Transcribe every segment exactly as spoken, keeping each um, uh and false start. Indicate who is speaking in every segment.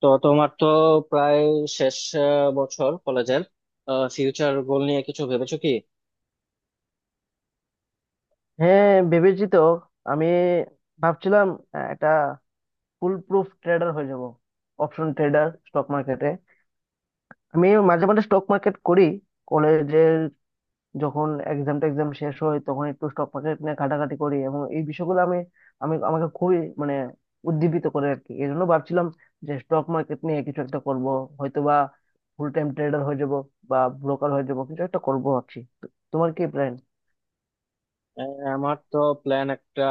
Speaker 1: তো তোমার তো প্রায় শেষ আহ, বছর কলেজের ফিউচার গোল নিয়ে কিছু ভেবেছো কি?
Speaker 2: হ্যাঁ, ভেবেছি তো। আমি ভাবছিলাম আহ, একটা ফুল প্রুফ ট্রেডার হয়ে যাব, অপশন ট্রেডার স্টক মার্কেটে। আমি মাঝে মাঝে স্টক মার্কেট করি, কলেজের যখন এক্সাম টেক্সাম শেষ হয় তখন একটু স্টক মার্কেট নিয়ে ঘাটাঘাটি করি, এবং এই বিষয়গুলো আমি আমি আমাকে খুবই মানে উদ্দীপিত করে আর কি। এই জন্য ভাবছিলাম যে স্টক মার্কেট নিয়ে কিছু একটা করব, হয়তো বা ফুল টাইম ট্রেডার হয়ে যাব, বা ব্রোকার হয়ে যাব, কিছু একটা করবো ভাবছি তো। তোমার কি প্ল্যান?
Speaker 1: আহ, আমার তো প্ল্যান একটা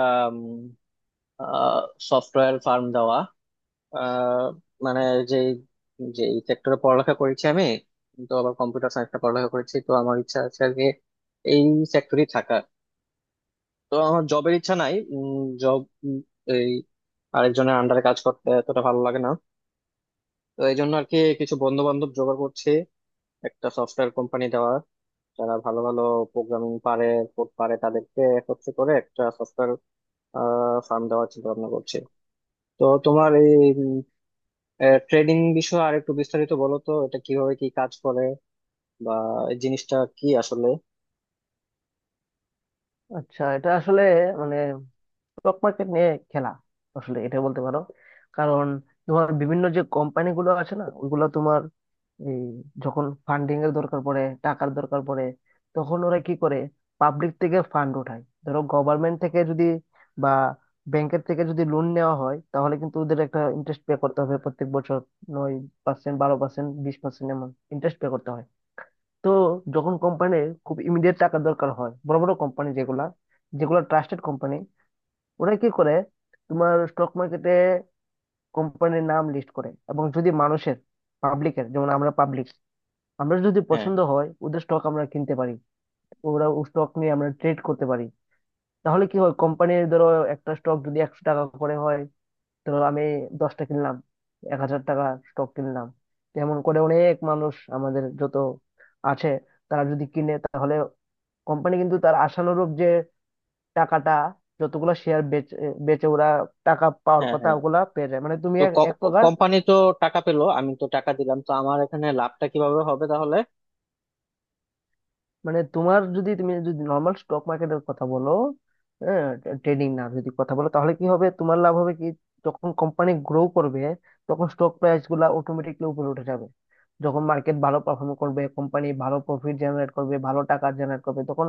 Speaker 1: সফটওয়্যার ফার্ম দেওয়া। আহ, মানে যে যে সেক্টরে পড়ালেখা করেছি আমি, তো আবার কম্পিউটার সায়েন্সে পড়ালেখা করেছি, তো আমার ইচ্ছা আছে আর কি এই সেক্টরেই থাকা। তো আমার জবের ইচ্ছা নাই, জব এই আরেকজনের আন্ডারে কাজ করতে এতটা ভালো লাগে না। তো এই জন্য আর কি কিছু বন্ধু বান্ধব জোগাড় করছি, একটা সফটওয়্যার কোম্পানি দেওয়া, যারা ভালো ভালো প্রোগ্রামিং পারে, কোড পারে, তাদেরকে একত্রে করে একটা সফটওয়্যার ফার্ম দেওয়ার চিন্তা ভাবনা করছে। তো তোমার এই ট্রেডিং বিষয়ে আর একটু বিস্তারিত বলো তো, এটা কিভাবে কি কাজ করে বা এই জিনিসটা কি আসলে?
Speaker 2: আচ্ছা, এটা আসলে মানে স্টক মার্কেট নিয়ে খেলা আসলে এটা বলতে পারো। কারণ তোমার বিভিন্ন যে কোম্পানি গুলো আছে না ওইগুলো তোমার এই যখন ফান্ডিং এর দরকার পড়ে, টাকার দরকার পড়ে, তখন ওরা কি করে, পাবলিক থেকে ফান্ড ওঠায়। ধরো গভর্নমেন্ট থেকে যদি বা ব্যাংকের থেকে যদি লোন নেওয়া হয় তাহলে কিন্তু ওদের একটা ইন্টারেস্ট পে করতে হবে প্রত্যেক বছর, নয় পার্সেন্ট, বারো পার্সেন্ট, বিশ পার্সেন্ট, এমন ইন্টারেস্ট পে করতে হয়। তো যখন কোম্পানির খুব ইমিডিয়েট টাকা দরকার হয়, বড় বড় কোম্পানি যেগুলা যেগুলো ট্রাস্টেড কোম্পানি, ওরা কি করে, তোমার স্টক মার্কেটে কোম্পানির নাম লিস্ট করে, এবং যদি মানুষের, পাবলিকের, যেমন আমরা পাবলিক, আমরা যদি
Speaker 1: হ্যাঁ,
Speaker 2: পছন্দ হয় ওদের স্টক আমরা কিনতে পারি। ওরা স্টক নিয়ে আমরা ট্রেড করতে পারি। তাহলে কি হয়, কোম্পানির ধরো একটা স্টক যদি একশো টাকা করে হয়, ধরো আমি দশটা কিনলাম, এক হাজার টাকা স্টক কিনলাম। তেমন করে অনেক মানুষ আমাদের যত আছে তারা যদি কিনে, তাহলে কোম্পানি কিন্তু তার আশানুরূপ যে টাকাটা, যতগুলা শেয়ার বেচে বেচে ওরা টাকা পাওয়ার
Speaker 1: হ্যাঁ,
Speaker 2: কথা
Speaker 1: হ্যাঁ,
Speaker 2: ওগুলা পেয়ে যায়। মানে তুমি
Speaker 1: তো
Speaker 2: এক এক প্রকার
Speaker 1: কোম্পানি তো টাকা পেলো, আমি তো টাকা দিলাম, তো আমার এখানে লাভটা কিভাবে হবে তাহলে?
Speaker 2: মানে তোমার যদি, তুমি যদি নর্মাল স্টক মার্কেটের কথা বলো, হ্যাঁ, ট্রেডিং না, যদি কথা বলো তাহলে কি হবে, তোমার লাভ হবে কি, যখন কোম্পানি গ্রো করবে তখন স্টক প্রাইস গুলা অটোমেটিকলি উপরে উঠে যাবে। যখন মার্কেট ভালো পারফর্ম করবে, কোম্পানি ভালো প্রফিট জেনারেট করবে, ভালো টাকা জেনারেট করবে, তখন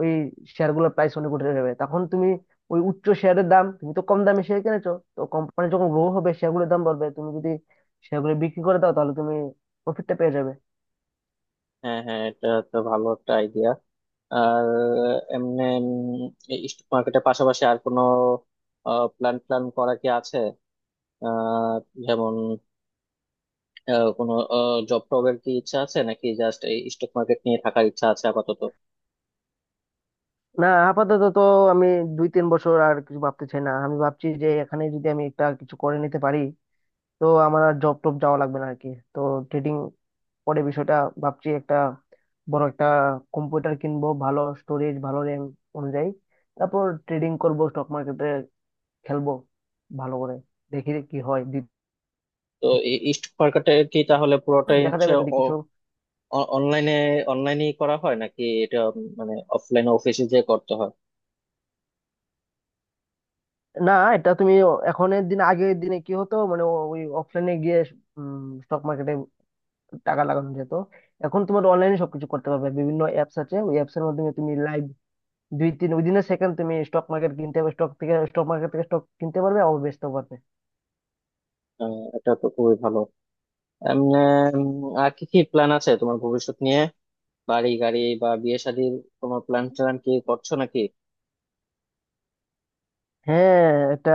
Speaker 2: ওই শেয়ার গুলোর প্রাইস অনেক উঠে যাবে। তখন তুমি ওই উচ্চ শেয়ারের দাম, তুমি তো কম দামে শেয়ার কিনেছো, তো কোম্পানি যখন গ্রো হবে, শেয়ারগুলোর দাম বাড়বে, তুমি যদি শেয়ারগুলো বিক্রি করে দাও তাহলে তুমি প্রফিটটা পেয়ে যাবে।
Speaker 1: হ্যাঁ, হ্যাঁ, এটা তো ভালো একটা আইডিয়া। আর এমনি স্টক মার্কেটের পাশাপাশি আর কোনো প্ল্যান প্ল্যান করা কি আছে? আহ যেমন আহ, কোনো জব টবের কি ইচ্ছা আছে নাকি জাস্ট এই স্টক মার্কেট নিয়ে থাকার ইচ্ছা আছে আপাতত?
Speaker 2: না, আপাতত তো আমি দুই তিন বছর আর কিছু ভাবতে চাই না। আমি ভাবছি যে এখানে যদি আমি একটা কিছু করে নিতে পারি তো আমার আর জব টপ যাওয়া লাগবে না আর কি। তো ট্রেডিং পরে বিষয়টা ভাবছি, একটা বড় একটা কম্পিউটার কিনবো, ভালো স্টোরেজ ভালো র্যাম অনুযায়ী, তারপর ট্রেডিং করব স্টক মার্কেটে, খেলবো ভালো করে, দেখি কি হয়। দি-
Speaker 1: তো এই স্টক মার্কেটে কি তাহলে পুরোটাই
Speaker 2: দেখা
Speaker 1: হচ্ছে
Speaker 2: যাবে যদি কিছু।
Speaker 1: অনলাইনে, অনলাইনেই করা হয় নাকি এটা উম, মানে অফলাইন অফিসে যে করতে হয়?
Speaker 2: না, এটা তুমি এখনের দিন, আগের দিনে কি হতো মানে ওই অফলাইনে গিয়ে স্টক মার্কেটে টাকা লাগানো যেত, এখন তোমার অনলাইনে সবকিছু করতে পারবে। বিভিন্ন অ্যাপস আছে, ওই অ্যাপস এর মাধ্যমে তুমি লাইভ দুই তিন উইদিন সেকেন্ড তুমি স্টক মার্কেট কিনতে পারবে, স্টক থেকে, স্টক মার্কেট থেকে স্টক কিনতে পারবে, আবার বেচতেও পারবে।
Speaker 1: আহ, এটা তো খুবই ভালো। এম, উম, আহ, আর কি কি প্ল্যান আছে তোমার ভবিষ্যৎ নিয়ে? বাড়ি গাড়ি বা বিয়ে শাদীর তোমার প্ল্যান ট্যান কি করছো নাকি?
Speaker 2: হ্যাঁ, এটা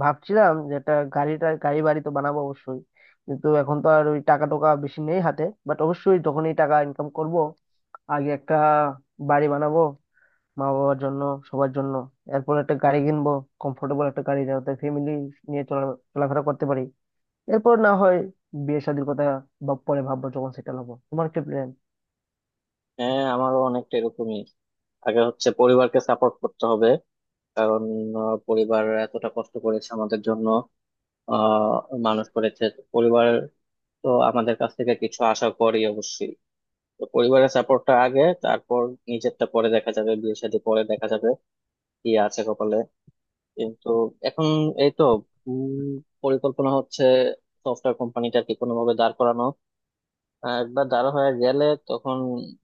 Speaker 2: ভাবছিলাম যে এটা গাড়িটা, গাড়ি বাড়ি তো বানাবো অবশ্যই, কিন্তু এখন তো আর ওই টাকা টোকা বেশি নেই হাতে। বাট অবশ্যই যখনই টাকা ইনকাম করব, আগে একটা বাড়ি বানাবো, মা বাবার জন্য, সবার জন্য। এরপর একটা গাড়ি কিনবো, কমফোর্টেবল একটা গাড়ি, যাতে ফ্যামিলি নিয়ে চলা- চলাফেরা করতে পারি। এরপর না হয় বিয়ে শাদীর কথা ভাব পরে ভাববো যখন সেটেল হবো। তোমার কি প্ল্যান?
Speaker 1: হ্যাঁ, আমারও অনেকটা এরকমই। আগে হচ্ছে পরিবারকে সাপোর্ট করতে হবে, কারণ আহ, পরিবার এতটা কষ্ট করেছে আমাদের জন্য, আহ মানুষ করেছে তো পরিবার। তো আমাদের কাছ থেকে কিছু আশা করি অবশ্যই। তো পরিবারের সাপোর্টটা আগে, তারপর নিজেরটা পরে দেখা যাবে, বিয়ে শাদী পরে দেখা যাবে, কি আছে কপালে। কিন্তু এখন এই তো, উম, পরিকল্পনা হচ্ছে সফটওয়্যার কোম্পানিটাকে কোনো ভাবে দাঁড় করানো। আহ, একবার দাঁড় হয়ে গেলে তখন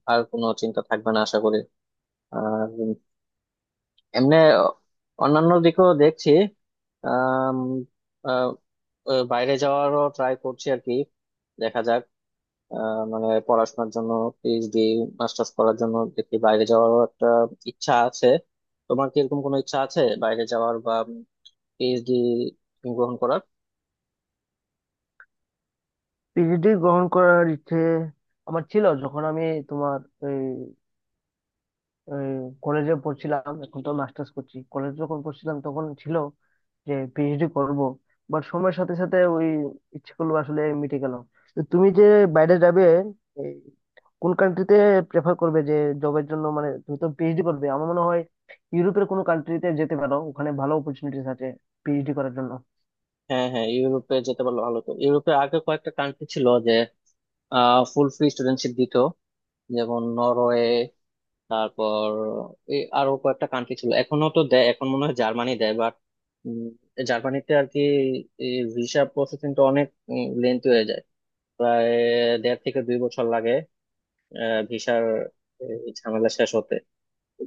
Speaker 1: আর কোনো চিন্তা থাকবে না আশা করি। আর এমনি অন্যান্য দিকেও দেখছি। আম, আহ, আহ, বাইরে যাওয়ারও ট্রাই করছি আর কি, দেখা যাক। আহ, মানে পড়াশোনার জন্য, পিএইচডি মাস্টার্স করার জন্য দেখি বাইরে যাওয়ারও একটা ইচ্ছা আছে। তোমার কি এরকম কোনো ইচ্ছা আছে বাইরে যাওয়ার বা পিএইচডি গ্রহণ করার?
Speaker 2: পিএইচডি গ্রহণ করার ইচ্ছে আমার ছিল যখন আমি, তোমার ওই কলেজে পড়ছিলাম, এখন তো মাস্টার্স করছি, কলেজে যখন পড়ছিলাম তখন ছিল যে পিএইচডি করব, বাট সময়ের সাথে সাথে ওই ইচ্ছেগুলো আসলে মিটে গেল। তো তুমি যে বাইরে যাবে, এই কোন কান্ট্রিতে প্রেফার করবে, যে জবের জন্য, মানে তুমি তো পিএইচডি করবে, আমার মনে হয় ইউরোপের কোনো কান্ট্রিতে যেতে পারো, ওখানে ভালো অপরচুনিটিস আছে পিএইচডি করার জন্য।
Speaker 1: হ্যাঁ, হ্যাঁ, ইউরোপে যেতে পারলে ভালো। তো ইউরোপে আগে কয়েকটা কান্ট্রি ছিল যে ফুল ফ্রি স্টুডেন্টশিপ দিত, যেমন নরওয়ে, তারপর এই আরো কয়েকটা কান্ট্রি ছিল, এখনো তো দেয়। এখন মনে হয় জার্মানি দেয়, বাট জার্মানিতে আর কি ভিসা প্রসেসিংটা অনেক লেন্থি হয়ে যায়, প্রায় দেড় থেকে দুই বছর লাগে ভিসার ঝামেলা শেষ হতে।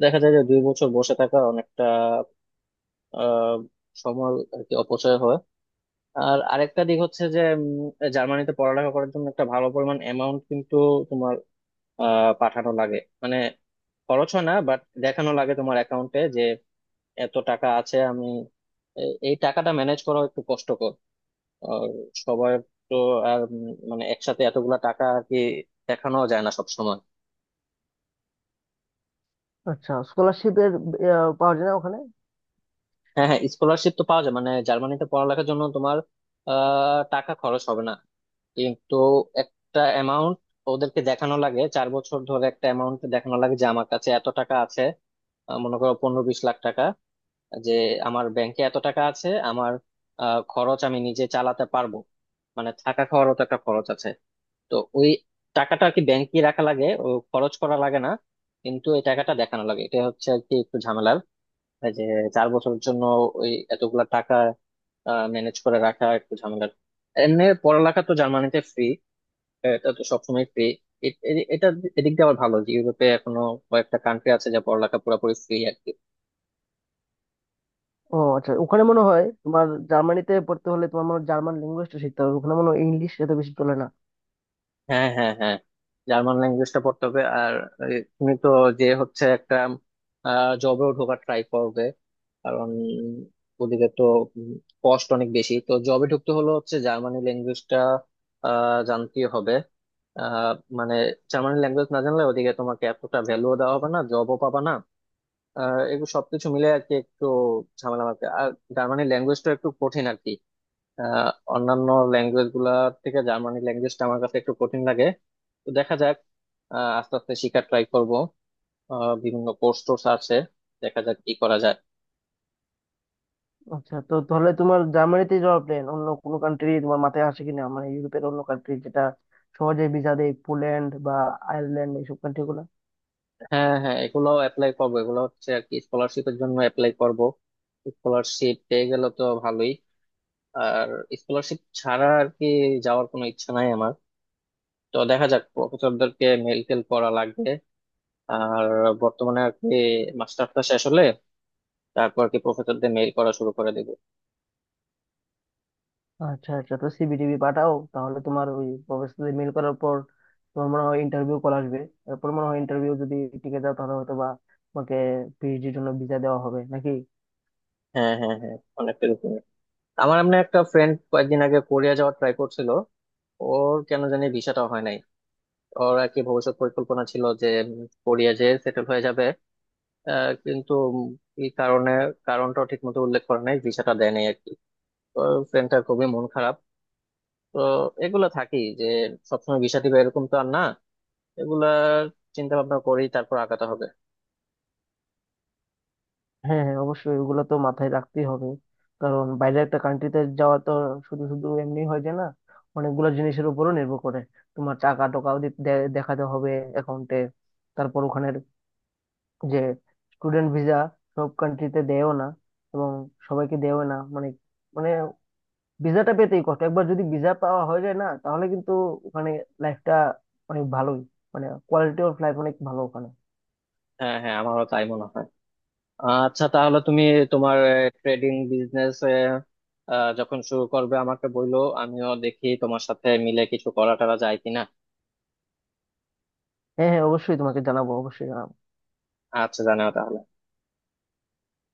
Speaker 1: দেখা যায় যে দুই বছর বসে থাকা অনেকটা আহ, সময় আর কি অপচয় হয়। আর আরেকটা দিক হচ্ছে যে উম, জার্মানিতে পড়ালেখা করার জন্য একটা ভালো পরিমাণ অ্যামাউন্ট কিন্তু আহ পাঠানো লাগে। মানে খরচ হয় না বাট দেখানো লাগে তোমার অ্যাকাউন্টে যে এত টাকা আছে আমি। এ- এই টাকাটা ম্যানেজ করা একটু কষ্টকর। আর সবার তো, আর উম মানে একসাথে এতগুলা টাকা আর কি দেখানো যায় না সব সময়।
Speaker 2: আচ্ছা, স্কলারশিপের পাওয়া যায় না ওখানে?
Speaker 1: হ্যাঁ, হ্যাঁ, স্কলারশিপ তো পাওয়া যায়, মানে জার্মানিতে পড়ালেখার জন্য তোমার আহ টাকা খরচ হবে না, কিন্তু একটা অ্যামাউন্ট ওদেরকে দেখানো লাগে। চার বছর ধরে একটা অ্যামাউন্ট দেখানো লাগে যে আমার কাছে এত টাকা আছে, আহ মনে করো পনেরো বিশ লাখ টাকা, যে আমার ব্যাংকে এত টাকা আছে, আমার আহ, খরচ আমি নিজে চালাতে পারবো। মানে থাকা খাওয়ারও তো একটা খরচ আছে। তো ওই টাকাটা আর কি ব্যাংকে রাখা লাগে, ও খরচ করা লাগে না, কিন্তু এই টাকাটা দেখানো লাগে, এটা হচ্ছে আর কি একটু ঝামেলার। এই যে চার বছরের জন্য ওই এতগুলা টাকা ম্যানেজ করে রাখা একটু ঝামেলার। এমনি পড়ালেখা তো জার্মানিতে ফ্রি, এটা তো সবসময় ফ্রি। এটা এদিক দিয়ে আবার ভালো যে ইউরোপে এখনো কয়েকটা কান্ট্রি আছে যা পড়ালেখা পুরোপুরি ফ্রি।
Speaker 2: ও আচ্ছা, ওখানে মনে হয় তোমার জার্মানিতে পড়তে হলে তোমার মনে হয় জার্মান ল্যাঙ্গুয়েজটা শিখতে হবে, ওখানে মনে হয় ইংলিশ এত বেশি চলে না।
Speaker 1: হ্যাঁ, হ্যাঁ, হ্যাঁ, জার্মান ল্যাঙ্গুয়েজটা পড়তে হবে। আর এ, তুমি তো যে হচ্ছে একটা জবেও ঢোকার ট্রাই করবে, কারণ ওদিকে তো কস্ট অনেক বেশি, তো জবে ঢুকতে হলে হচ্ছে জার্মানি ল্যাঙ্গুয়েজটা জানতেই হবে। আহ, মানে জার্মানি ল্যাঙ্গুয়েজ না জানলে ওদিকে তোমাকে এতটা ভ্যালুও দেওয়া হবে না, জবও পাবা না। আহ, এগুলো সবকিছু মিলে আর কি একটু ঝামেলা আমাকে, আর জার্মানি ল্যাঙ্গুয়েজটা একটু কঠিন আর কি। আহ, অন্যান্য ল্যাঙ্গুয়েজ গুলা থেকে জার্মানি ল্যাঙ্গুয়েজটা আমার কাছে একটু কঠিন লাগে। তো দেখা যাক, আহ, আস্তে আস্তে শিখার ট্রাই করব। আহ, বিভিন্ন কোর্স টোর্স আছে, দেখা যাক কি করা যায়।
Speaker 2: আচ্ছা, তো তাহলে তোমার জার্মানিতে যাওয়ার প্ল্যান, অন্য কোনো কান্ট্রি তোমার মাথায় আসে কিনা, মানে ইউরোপের অন্য কান্ট্রি যেটা সহজে ভিসা দেয়, পোল্যান্ড বা আয়ারল্যান্ড এইসব কান্ট্রি গুলা?
Speaker 1: হ্যাঁ, হ্যাঁ, এগুলো অ্যাপ্লাই করবো, এগুলো হচ্ছে আর কি স্কলারশিপের জন্য অ্যাপ্লাই করব। স্কলারশিপ পেয়ে গেল তো ভালোই, আর স্কলারশিপ ছাড়া আর কি যাওয়ার কোনো ইচ্ছা নাই আমার। তো দেখা যাক, প্রফেসরদেরকে মেল টেল করা লাগবে। আর বর্তমানে আর কি মাস্টার্সটা শেষ হলে তারপর আর কি প্রফেসরদের মেইল করা শুরু করে দেব।
Speaker 2: আচ্ছা আচ্ছা, তো সিভিটিভি পাঠাও তাহলে। তোমার ওই প্রফেসরদের মেল করার পর তোমার মনে হয় ইন্টারভিউ কল আসবে, এরপর মনে হয় ইন্টারভিউ যদি টিকে যাও তাহলে হয়তো বা তোমাকে পিএইচডির জন্য ভিসা দেওয়া হবে নাকি?
Speaker 1: হ্যাঁ, হ্যাঁ, হ্যাঁ, অনেকটা এরকম। আমার এমনি একটা ফ্রেন্ড কয়েকদিন আগে কোরিয়া যাওয়ার ট্রাই করছিল, ওর কেন জানি ভিসাটা হয় নাই। ওর আর কি ভবিষ্যৎ পরিকল্পনা ছিল যে উম, কোরিয়া যে সেটেল হয়ে যাবে। আহ, কিন্তু উম, এই কারণে, কারণটাও ঠিক মতো উল্লেখ করে নাই, ভিসাটা দেয় নাই আর কি। তো ফ্রেন্ডটা খুবই মন খারাপ। তো এগুলা থাকি যে সবসময় ভিসা দিবে এরকম তো আর না, এগুলা চিন্তা ভাবনা করেই তারপর আগাতে হবে।
Speaker 2: হ্যাঁ হ্যাঁ, অবশ্যই ওগুলো তো মাথায় রাখতেই হবে। কারণ বাইরে একটা কান্ট্রিতে যাওয়া তো শুধু শুধু এমনি হয় যায় না, অনেকগুলো জিনিসের উপরও নির্ভর করে। তোমার টাকা টাকাও দি- দে- দেখাতে হবে অ্যাকাউন্টে। তারপর ওখানের যে স্টুডেন্ট ভিসা, সব কান্ট্রিতে দেয়ও না, এবং সবাইকে দেয়ও না, মানে মানে ভিসাটা পেতেই কষ্ট। একবার যদি ভিসা পাওয়া হয়ে যায় না, তাহলে কিন্তু ওখানে লাইফটা অনেক ভালোই, মানে কোয়ালিটি অফ লাইফ অনেক ভালো ওখানে।
Speaker 1: হ্যাঁ, হ্যাঁ, আমারও তাই মনে হয়। আচ্ছা, তাহলে তুমি তোমার ট্রেডিং বিজনেস যখন শুরু করবে আমাকে বললো, আমিও দেখি তোমার সাথে মিলে কিছু করা টরা যায় কিনা।
Speaker 2: হ্যাঁ হ্যাঁ, অবশ্যই তোমাকে জানাবো, অবশ্যই জানাবো।
Speaker 1: আচ্ছা, জানাও তাহলে।